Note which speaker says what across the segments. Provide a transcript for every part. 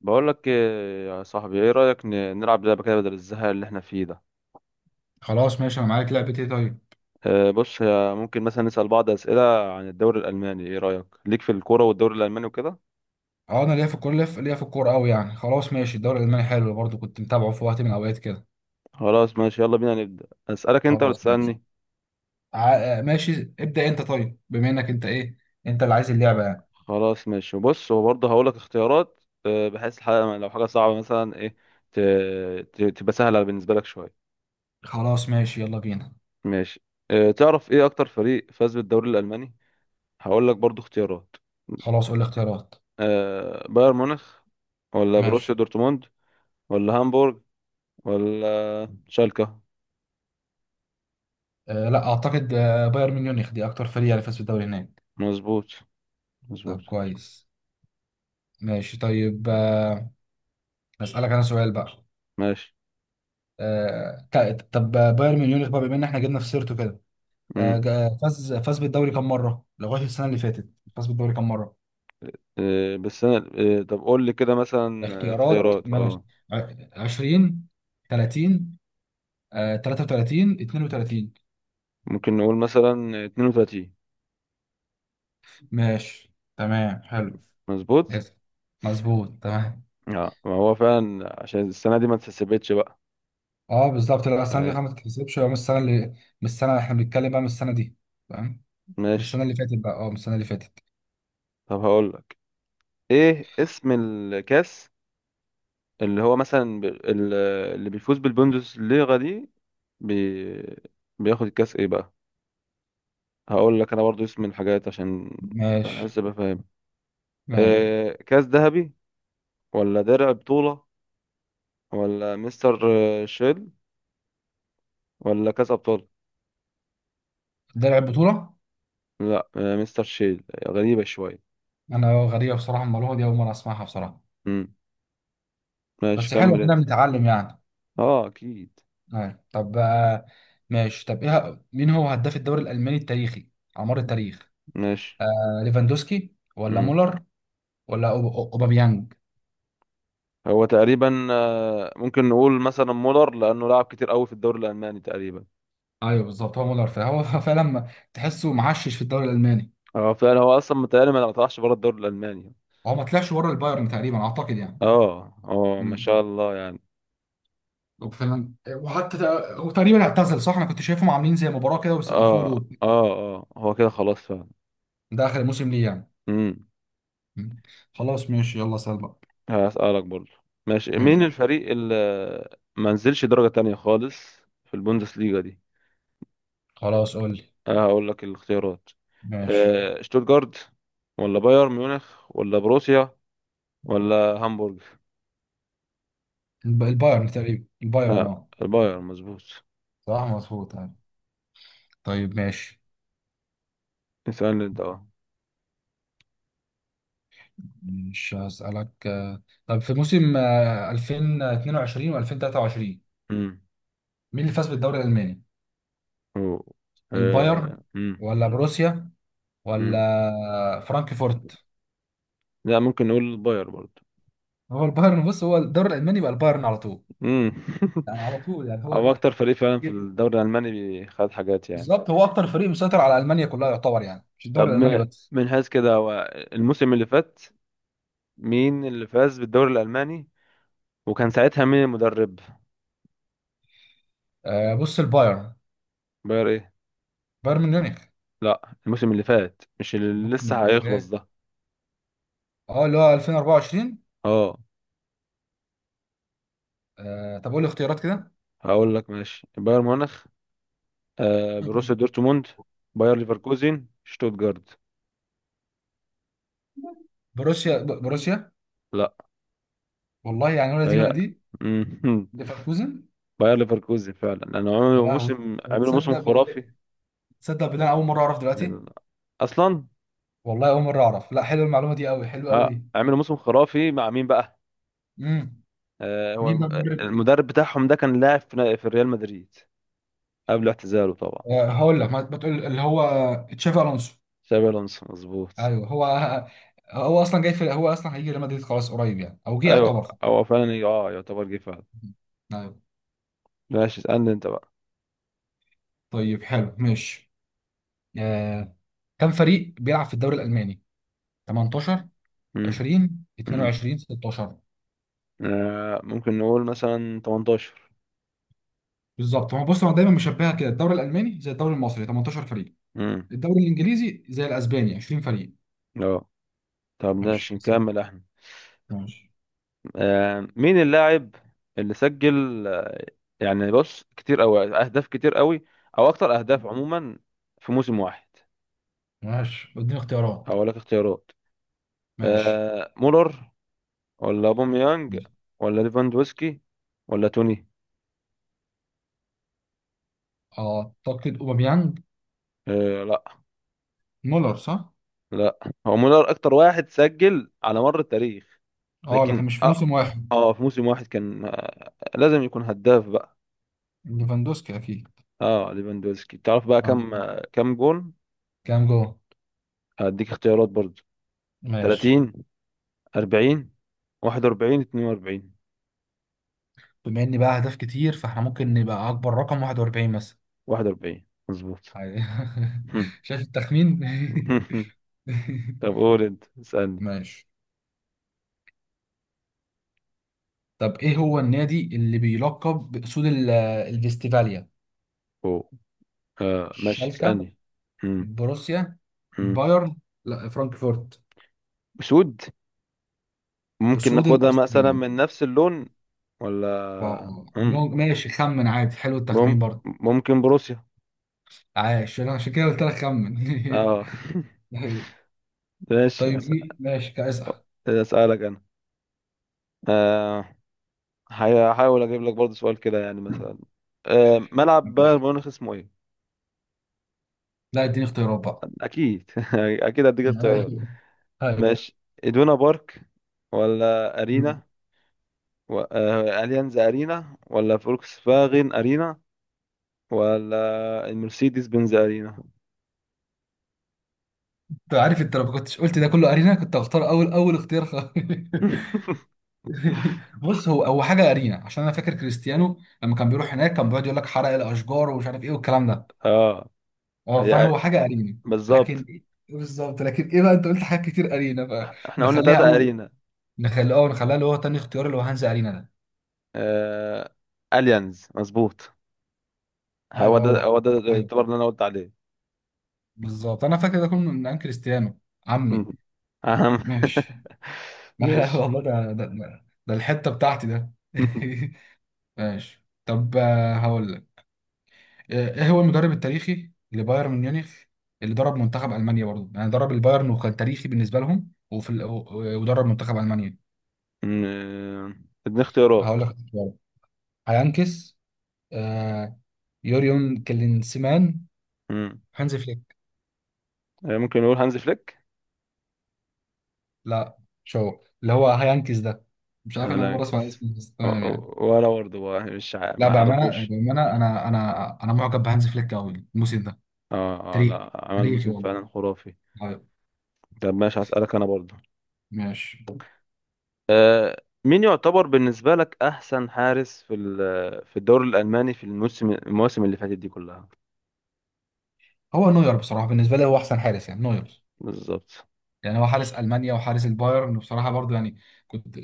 Speaker 1: بقول لك إيه يا صاحبي، ايه رأيك نلعب لعبة كده بدل الزهق اللي احنا فيه ده.
Speaker 2: خلاص ماشي، انا معاك. لعبتي طيب.
Speaker 1: بص ممكن مثلا نسأل بعض أسئلة عن الدوري الألماني. ايه رأيك ليك في الكورة والدوري الألماني وكده؟
Speaker 2: اه، انا ليا في الكوره ليا في ليا في الكوره قوي يعني. خلاص ماشي، الدوري الالماني حلو برضو، كنت متابعه في وقت من الاوقات كده.
Speaker 1: خلاص ماشي، يلا بينا نبدأ. أسألك انت ولا
Speaker 2: خلاص ماشي،
Speaker 1: تسألني؟
Speaker 2: ماشي ابدا. انت طيب، بما انك انت ايه انت اللي عايز اللعبه يعني.
Speaker 1: خلاص ماشي، وبص وبرضه هقول لك اختيارات. بحيث الحاجة لو حاجة صعبة مثلا ايه ت- تبقى سهلة بالنسبة لك شوية.
Speaker 2: خلاص ماشي يلا بينا.
Speaker 1: ماشي. تعرف ايه أكتر فريق فاز بالدوري الألماني؟ هقول لك برضه اختيارات.
Speaker 2: خلاص قول لي اختيارات.
Speaker 1: بايرن ميونخ، ولا
Speaker 2: ماشي.
Speaker 1: بروسيا دورتموند، ولا هامبورغ، ولا شالكة؟
Speaker 2: لا اعتقد، بايرن ميونخ دي اكتر فريق اللي فاز بالدوري هناك.
Speaker 1: مظبوط، مظبوط.
Speaker 2: طب كويس. ماشي طيب، اسالك انا سؤال بقى.
Speaker 1: ماشي.
Speaker 2: طب بايرن ميونخ بقى، بما ان احنا جبنا في سيرته كده،
Speaker 1: امم.
Speaker 2: فاز بالدوري كم مره لغايه السنه اللي فاتت؟ فاز بالدوري كم مره؟
Speaker 1: إيه بس انا إيه، طب قول لي كده مثلا.
Speaker 2: اختيارات
Speaker 1: اختيارات،
Speaker 2: ماشي.
Speaker 1: اه.
Speaker 2: ع- 20، 30، 33، 32.
Speaker 1: ممكن نقول مثلا 32.
Speaker 2: ماشي تمام حلو.
Speaker 1: مظبوط.
Speaker 2: اسف. مظبوط تمام.
Speaker 1: اه ما هو فعلا عشان السنة دي ما اتسبتش بقى.
Speaker 2: اه بالظبط، لا السنه دي
Speaker 1: آه.
Speaker 2: خلاص ما تتحسبش، من السنه اللي، من السنه احنا بنتكلم بقى من السنه دي. تمام. من
Speaker 1: ماشي.
Speaker 2: السنه اللي فاتت بقى، اه من السنه اللي فاتت.
Speaker 1: طب هقول لك، ايه اسم الكاس اللي هو مثلا اللي بيفوز بالبوندسليغا دي، بي... بياخد الكاس ايه بقى؟ هقول لك انا برضو اسم الحاجات عشان
Speaker 2: ماشي.
Speaker 1: بحس ابقى فاهم.
Speaker 2: ماشي.
Speaker 1: إيه، كاس ذهبي، ولا درع بطولة، ولا مستر شيل، ولا كاس أبطال؟
Speaker 2: ده لعب بطوله.
Speaker 1: لا مستر شيل غريبة شوية.
Speaker 2: انا غريبه بصراحه، المعلومه دي اول مره اسمعها بصراحه.
Speaker 1: مم. ماشي
Speaker 2: بس حلو
Speaker 1: كمل
Speaker 2: كده
Speaker 1: أنت.
Speaker 2: بنتعلم يعني.
Speaker 1: اه أكيد.
Speaker 2: آه. طب ماشي. طب ايه، مين هو هداف الدوري الالماني التاريخي على مر التاريخ؟
Speaker 1: ماشي.
Speaker 2: ليفاندوسكي ولا
Speaker 1: مم.
Speaker 2: مولر ولا اوباميانج؟
Speaker 1: هو تقريبا، ممكن نقول مثلا مولر لأنه لعب كتير قوي في الدوري الألماني تقريبا.
Speaker 2: ايوه بالظبط هو مولر، فهو فعلا تحسه معشش في الدوري الالماني.
Speaker 1: اه فعلا، هو أصلا متهيألي ما طلعش بره الدوري الألماني.
Speaker 2: هو ما طلعش بره البايرن تقريبا اعتقد يعني.
Speaker 1: اه اه ما
Speaker 2: امم.
Speaker 1: شاء الله يعني.
Speaker 2: وفعلا، وحتى هو تقريبا اعتزل صح، انا كنت شايفهم عاملين زي مباراه كده وسقفوا
Speaker 1: اه
Speaker 2: له.
Speaker 1: اه اه هو كده خلاص فعلا.
Speaker 2: ده اخر موسم ليه يعني.
Speaker 1: مم.
Speaker 2: مم. خلاص ماشي يلا سأل بقى.
Speaker 1: هسألك برضه. ماشي، مين
Speaker 2: ماشي.
Speaker 1: الفريق اللي ما نزلش درجة تانية خالص في البوندسليغا دي؟
Speaker 2: خلاص قول لي.
Speaker 1: أه هقول لك الاختيارات.
Speaker 2: ماشي.
Speaker 1: أه شتوتجارت، ولا بايرن ميونخ، ولا بروسيا، ولا هامبورغ؟
Speaker 2: البايرن تقريبا، البايرن.
Speaker 1: لا
Speaker 2: اه
Speaker 1: البايرن مظبوط.
Speaker 2: صح مظبوط أيوه. طيب ماشي.
Speaker 1: اسألني انت، اه.
Speaker 2: مش هسألك، طب في موسم 2022 و2023
Speaker 1: امم.
Speaker 2: مين اللي فاز بالدوري الألماني؟
Speaker 1: أوه. أه،
Speaker 2: البايرن
Speaker 1: امم.
Speaker 2: ولا بروسيا
Speaker 1: امم،
Speaker 2: ولا فرانكفورت؟
Speaker 1: لا ممكن نقول البايرن برضه.
Speaker 2: هو البايرن، بص هو الدوري الألماني بقى البايرن على طول.
Speaker 1: امم
Speaker 2: يعني على طول يعني
Speaker 1: هو
Speaker 2: هو.
Speaker 1: اكتر فريق فعلا في
Speaker 2: إيه،
Speaker 1: الدوري الالماني خد حاجات يعني.
Speaker 2: بالظبط هو أكتر فريق مسيطر على ألمانيا كلها يعتبر، يعني مش
Speaker 1: طب
Speaker 2: الدوري الألماني بس.
Speaker 1: من حيث كده، هو الموسم اللي فات مين اللي فاز بالدوري الألماني، وكان ساعتها مين المدرب؟
Speaker 2: بص البايرن.
Speaker 1: باير ايه؟
Speaker 2: بايرن ميونخ.
Speaker 1: لا الموسم اللي فات، مش اللي
Speaker 2: ممكن
Speaker 1: لسه
Speaker 2: اللي
Speaker 1: هيخلص
Speaker 2: فات،
Speaker 1: ده.
Speaker 2: اه اللي هو 2024.
Speaker 1: اه.
Speaker 2: طب قول لي اختيارات كده.
Speaker 1: هقول لك ماشي، باير ميونخ، آه بروسيا دورتموند، باير ليفركوزن، شتوتجارت.
Speaker 2: بروسيا بروسيا.
Speaker 1: لا.
Speaker 2: والله يعني، ولا دي
Speaker 1: هي.
Speaker 2: ولا دي.
Speaker 1: مم.
Speaker 2: ليفركوزن.
Speaker 1: باير ليفركوزن فعلا، لأنه
Speaker 2: يا لهوي.
Speaker 1: عملوا موسم
Speaker 2: تصدق
Speaker 1: خرافي
Speaker 2: بال... تصدق بالله أنا أول مرة أعرف دلوقتي.
Speaker 1: يعني أصلا.
Speaker 2: والله أول مرة أعرف، لا حلوة المعلومة دي أوي، حلوة أوي
Speaker 1: آه
Speaker 2: دي.
Speaker 1: عملوا موسم خرافي مع مين بقى؟
Speaker 2: امم.
Speaker 1: آه هو
Speaker 2: مين بقى المدرب؟
Speaker 1: المدرب بتاعهم ده كان لاعب في ريال مدريد قبل اعتزاله طبعا.
Speaker 2: هقول لك ما تقول اللي هو تشافي ألونسو.
Speaker 1: شابي الونسو مظبوط.
Speaker 2: أيوه هو. هو أصلا هيجي ريال مدريد خلاص قريب يعني، أو جه
Speaker 1: ايوه
Speaker 2: يعتبر.
Speaker 1: هو فعلا، اه يعتبر جه فعلا.
Speaker 2: ايوه.
Speaker 1: ماشي اسألني انت بقى.
Speaker 2: طيب حلو ماشي. آه، كم فريق بيلعب في الدوري الالماني؟ 18،
Speaker 1: مم.
Speaker 2: 20،
Speaker 1: مم.
Speaker 2: 22، 16.
Speaker 1: آه ممكن نقول مثلا 18.
Speaker 2: بالظبط، ما هو بص انا دايما مشبهها كده، الدوري الالماني زي الدوري المصري 18 فريق،
Speaker 1: مم.
Speaker 2: الدوري الانجليزي زي الاسباني 20 فريق.
Speaker 1: اه طب
Speaker 2: ماشي.
Speaker 1: ماشي نكمل احنا.
Speaker 2: ماشي.
Speaker 1: آه مين اللاعب اللي سجل يعني بص كتير قوي، اهداف كتير قوي او اكتر اهداف عموما في موسم واحد؟
Speaker 2: ماشي اديني اختيارات.
Speaker 1: هقول لك اختيارات.
Speaker 2: ماشي.
Speaker 1: آه مولر، ولا اوباميانج، ولا ليفاندوسكي، ولا توني؟
Speaker 2: اعتقد اوباميانج.
Speaker 1: آه لا.
Speaker 2: مولر صح؟
Speaker 1: لا هو مولر اكتر واحد سجل على مر التاريخ،
Speaker 2: اه
Speaker 1: لكن
Speaker 2: لكن مش في
Speaker 1: اه.
Speaker 2: موسم واحد.
Speaker 1: اه في موسم واحد كان لازم يكون هداف بقى.
Speaker 2: ليفاندوسكي اكيد.
Speaker 1: اه ليفاندوفسكي. تعرف بقى
Speaker 2: اه
Speaker 1: كم كم جون؟
Speaker 2: كام جول؟
Speaker 1: هديك اختيارات برضو.
Speaker 2: ماشي.
Speaker 1: 30، 40، 41، 42.
Speaker 2: بما اني بقى اهداف كتير، فاحنا ممكن نبقى اكبر رقم 41 مثلا.
Speaker 1: 41 مظبوط.
Speaker 2: عادي. شايف التخمين.
Speaker 1: طب قول انت اسألني.
Speaker 2: ماشي. طب ايه هو النادي اللي بيلقب باسود الفيستيفاليا؟
Speaker 1: أوه. آه ماشي
Speaker 2: الشالكة.
Speaker 1: اسألني. مم.
Speaker 2: بروسيا.
Speaker 1: مم.
Speaker 2: بايرن. لا فرانكفورت.
Speaker 1: اسود؟ ممكن
Speaker 2: اسود
Speaker 1: ناخدها مثلا
Speaker 2: الاستراليين.
Speaker 1: من نفس اللون.
Speaker 2: اه.
Speaker 1: ولا مم.
Speaker 2: ماشي خمن عادي، حلو
Speaker 1: مم.
Speaker 2: التخمين برضه.
Speaker 1: ممكن بروسيا.
Speaker 2: عايش انا عشان كده قلت لك خمن.
Speaker 1: اه. ماشي
Speaker 2: طيب
Speaker 1: أسأل.
Speaker 2: إيه؟ ماشي كاسح.
Speaker 1: اسألك انا. آه، هحاول اجيب لك برضه سؤال كده يعني مثلا. ملعب بايرن ميونخ اسمه ايه؟
Speaker 2: لا اديني اختيارات بقى.
Speaker 1: اكيد اكيد هديك
Speaker 2: هاي.
Speaker 1: اختيارات.
Speaker 2: هاي.
Speaker 1: ماشي. ادونا بارك، ولا
Speaker 2: مم.
Speaker 1: ارينا، اليانز ارينا، ولا فولكس فاغن ارينا، ولا المرسيدس بنز ارينا؟
Speaker 2: انت عارف، انت لو ما كنتش قلت ده كله ارينا كنت هختار اول اول اختيار خالص. بص هو حاجه ارينا، عشان انا فاكر كريستيانو لما كان بيروح هناك كان بيقعد يقول لك حرق الاشجار ومش عارف ايه والكلام ده.
Speaker 1: اه.
Speaker 2: اه فانا
Speaker 1: هي.
Speaker 2: هو حاجه ارينا. لكن
Speaker 1: بالظبط،
Speaker 2: ايه، بالظبط. لكن ايه بقى، انت قلت حاجات كتير ارينا، بقى
Speaker 1: احنا قلنا
Speaker 2: نخليها
Speaker 1: تلاتة
Speaker 2: اول.
Speaker 1: ارينا.
Speaker 2: نخليها اللي هو تاني اختيار، اللي هو هانز ارينا ده.
Speaker 1: آه... اليانز مظبوط. هو
Speaker 2: ايوه هو
Speaker 1: ده،
Speaker 2: ده.
Speaker 1: هو ده
Speaker 2: ايوه.
Speaker 1: يعتبر اللي انا قلت عليه.
Speaker 2: بالظبط انا فاكر ده كله من عن كريستيانو. عمي.
Speaker 1: اهم.
Speaker 2: ماشي. لا
Speaker 1: ماشي.
Speaker 2: والله ده، ده الحته بتاعتي ده. ماشي. طب هقول لك، ايه هو المدرب التاريخي لبايرن ميونخ اللي درب منتخب المانيا برضه، يعني درب البايرن وكان تاريخي بالنسبه لهم، ودرب منتخب المانيا.
Speaker 1: مم، اديني اختيارات.
Speaker 2: هقول لك اختيارات. هيانكس. آه. يوريون كلينسمان.
Speaker 1: مم.
Speaker 2: هانز فليك.
Speaker 1: ممكن نقول هانز فليك.
Speaker 2: لا. شو اللي هو هايانكيز ده؟ مش عارف، انا اول مره اسمع
Speaker 1: هلاكس
Speaker 2: اسمه، بس تمام يعني.
Speaker 1: ولا برضه بقى، مش
Speaker 2: لا
Speaker 1: ما
Speaker 2: بامانه
Speaker 1: اعرفوش.
Speaker 2: بامانه، انا معجب بهانز فليك قوي الموسم ده.
Speaker 1: اه اه
Speaker 2: تاريخي.
Speaker 1: لا عمل
Speaker 2: تاريخي
Speaker 1: موسم
Speaker 2: والله.
Speaker 1: فعلا خرافي.
Speaker 2: طيب.
Speaker 1: طب ماشي هسألك انا برضه.
Speaker 2: ماشي.
Speaker 1: مين يعتبر بالنسبة لك احسن حارس في في الدوري الالماني في المواسم اللي فاتت دي كلها؟
Speaker 2: هو نوير بصراحه، بالنسبه لي هو احسن حارس يعني نوير.
Speaker 1: بالظبط.
Speaker 2: يعني هو حارس المانيا وحارس البايرن بصراحه برضو يعني. كنت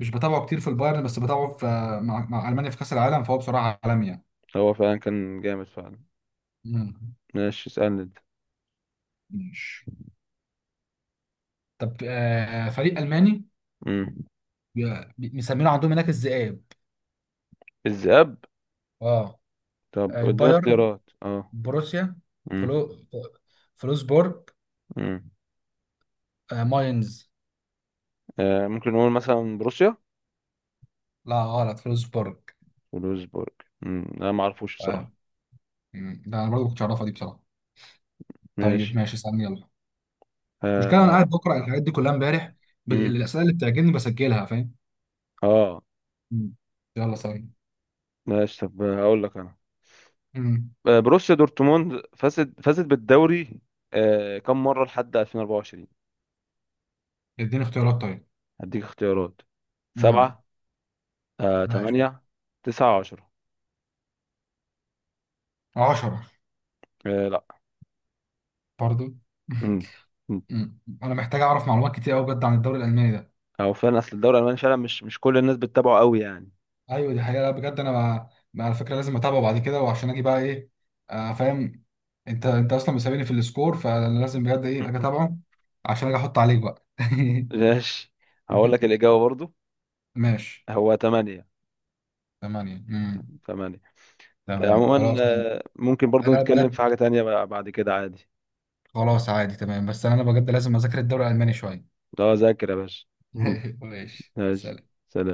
Speaker 2: مش بتابعه كتير في البايرن، بس بتابعه في مع المانيا في كاس العالم، فهو بصراحه عالمي يعني.
Speaker 1: هو فعلا كان جامد فعلا.
Speaker 2: مم.
Speaker 1: ماشي اسألني انت.
Speaker 2: ماشي. طب فريق الماني،
Speaker 1: مم.
Speaker 2: مسمينه عندهم هناك الذئاب.
Speaker 1: الذئاب.
Speaker 2: اه.
Speaker 1: طب اديني
Speaker 2: البايرن.
Speaker 1: اختيارات اه.
Speaker 2: بروسيا.
Speaker 1: مم.
Speaker 2: فلو فلوسبورج.
Speaker 1: مم.
Speaker 2: ماينز.
Speaker 1: ممكن نقول مثلا بروسيا.
Speaker 2: لا غلط، فلوسبورج.
Speaker 1: ولوزبورج. مم. انا ما اعرفوش
Speaker 2: آه.
Speaker 1: بصراحه.
Speaker 2: مم. ده انا برضه كنت اعرفها دي بصراحه. طيب
Speaker 1: ماشي.
Speaker 2: ماشي استنى يلا. المشكله انا
Speaker 1: اه.
Speaker 2: قاعد بقرا الحاجات دي كلها امبارح،
Speaker 1: مم.
Speaker 2: الاسئله اللي بتعجبني بسجلها فاهم.
Speaker 1: اه.
Speaker 2: مم. يلا
Speaker 1: طب
Speaker 2: ثاني.
Speaker 1: ماشي، طب هقول لك انا.
Speaker 2: مم.
Speaker 1: بروسيا دورتموند فازت بالدوري آه كم مره لحد 2024؟
Speaker 2: اديني اختيارات طيب.
Speaker 1: هديك اختيارات.
Speaker 2: مم.
Speaker 1: سبعة، آه
Speaker 2: ماشي.
Speaker 1: تمانية، تسعة، عشرة.
Speaker 2: 10
Speaker 1: آه لا.
Speaker 2: برضه.
Speaker 1: مم. مم.
Speaker 2: مم. انا محتاج اعرف معلومات كتير قوي بجد عن الدوري الالماني ده.
Speaker 1: او فعلا اصل الدوري الالماني فعلا مش، مش كل الناس بتتابعه قوي يعني.
Speaker 2: ايوه دي حقيقه، لا بجد انا مع على فكره لازم اتابعه بعد كده وعشان اجي بقى ايه. فاهم. انت اصلا مسابيني في السكور، فانا لازم بجد ايه اجي اتابعه عشان اجي احط عليك بقى.
Speaker 1: ماشي. هقول لك الإجابة برضو.
Speaker 2: ماشي.
Speaker 1: هو تمانية.
Speaker 2: ثمانية.
Speaker 1: تمانية.
Speaker 2: تمام
Speaker 1: عموما،
Speaker 2: خلاص انا.
Speaker 1: ممكن برضو
Speaker 2: أنا
Speaker 1: نتكلم في
Speaker 2: بجد.
Speaker 1: حاجة تانية بقى بعد كده عادي.
Speaker 2: خلاص عادي تمام، بس انا بجد لازم اذاكر الدوري الالماني شويه.
Speaker 1: اه ذاكر يا باشا.
Speaker 2: ماشي
Speaker 1: ماشي
Speaker 2: سلام.
Speaker 1: سلام.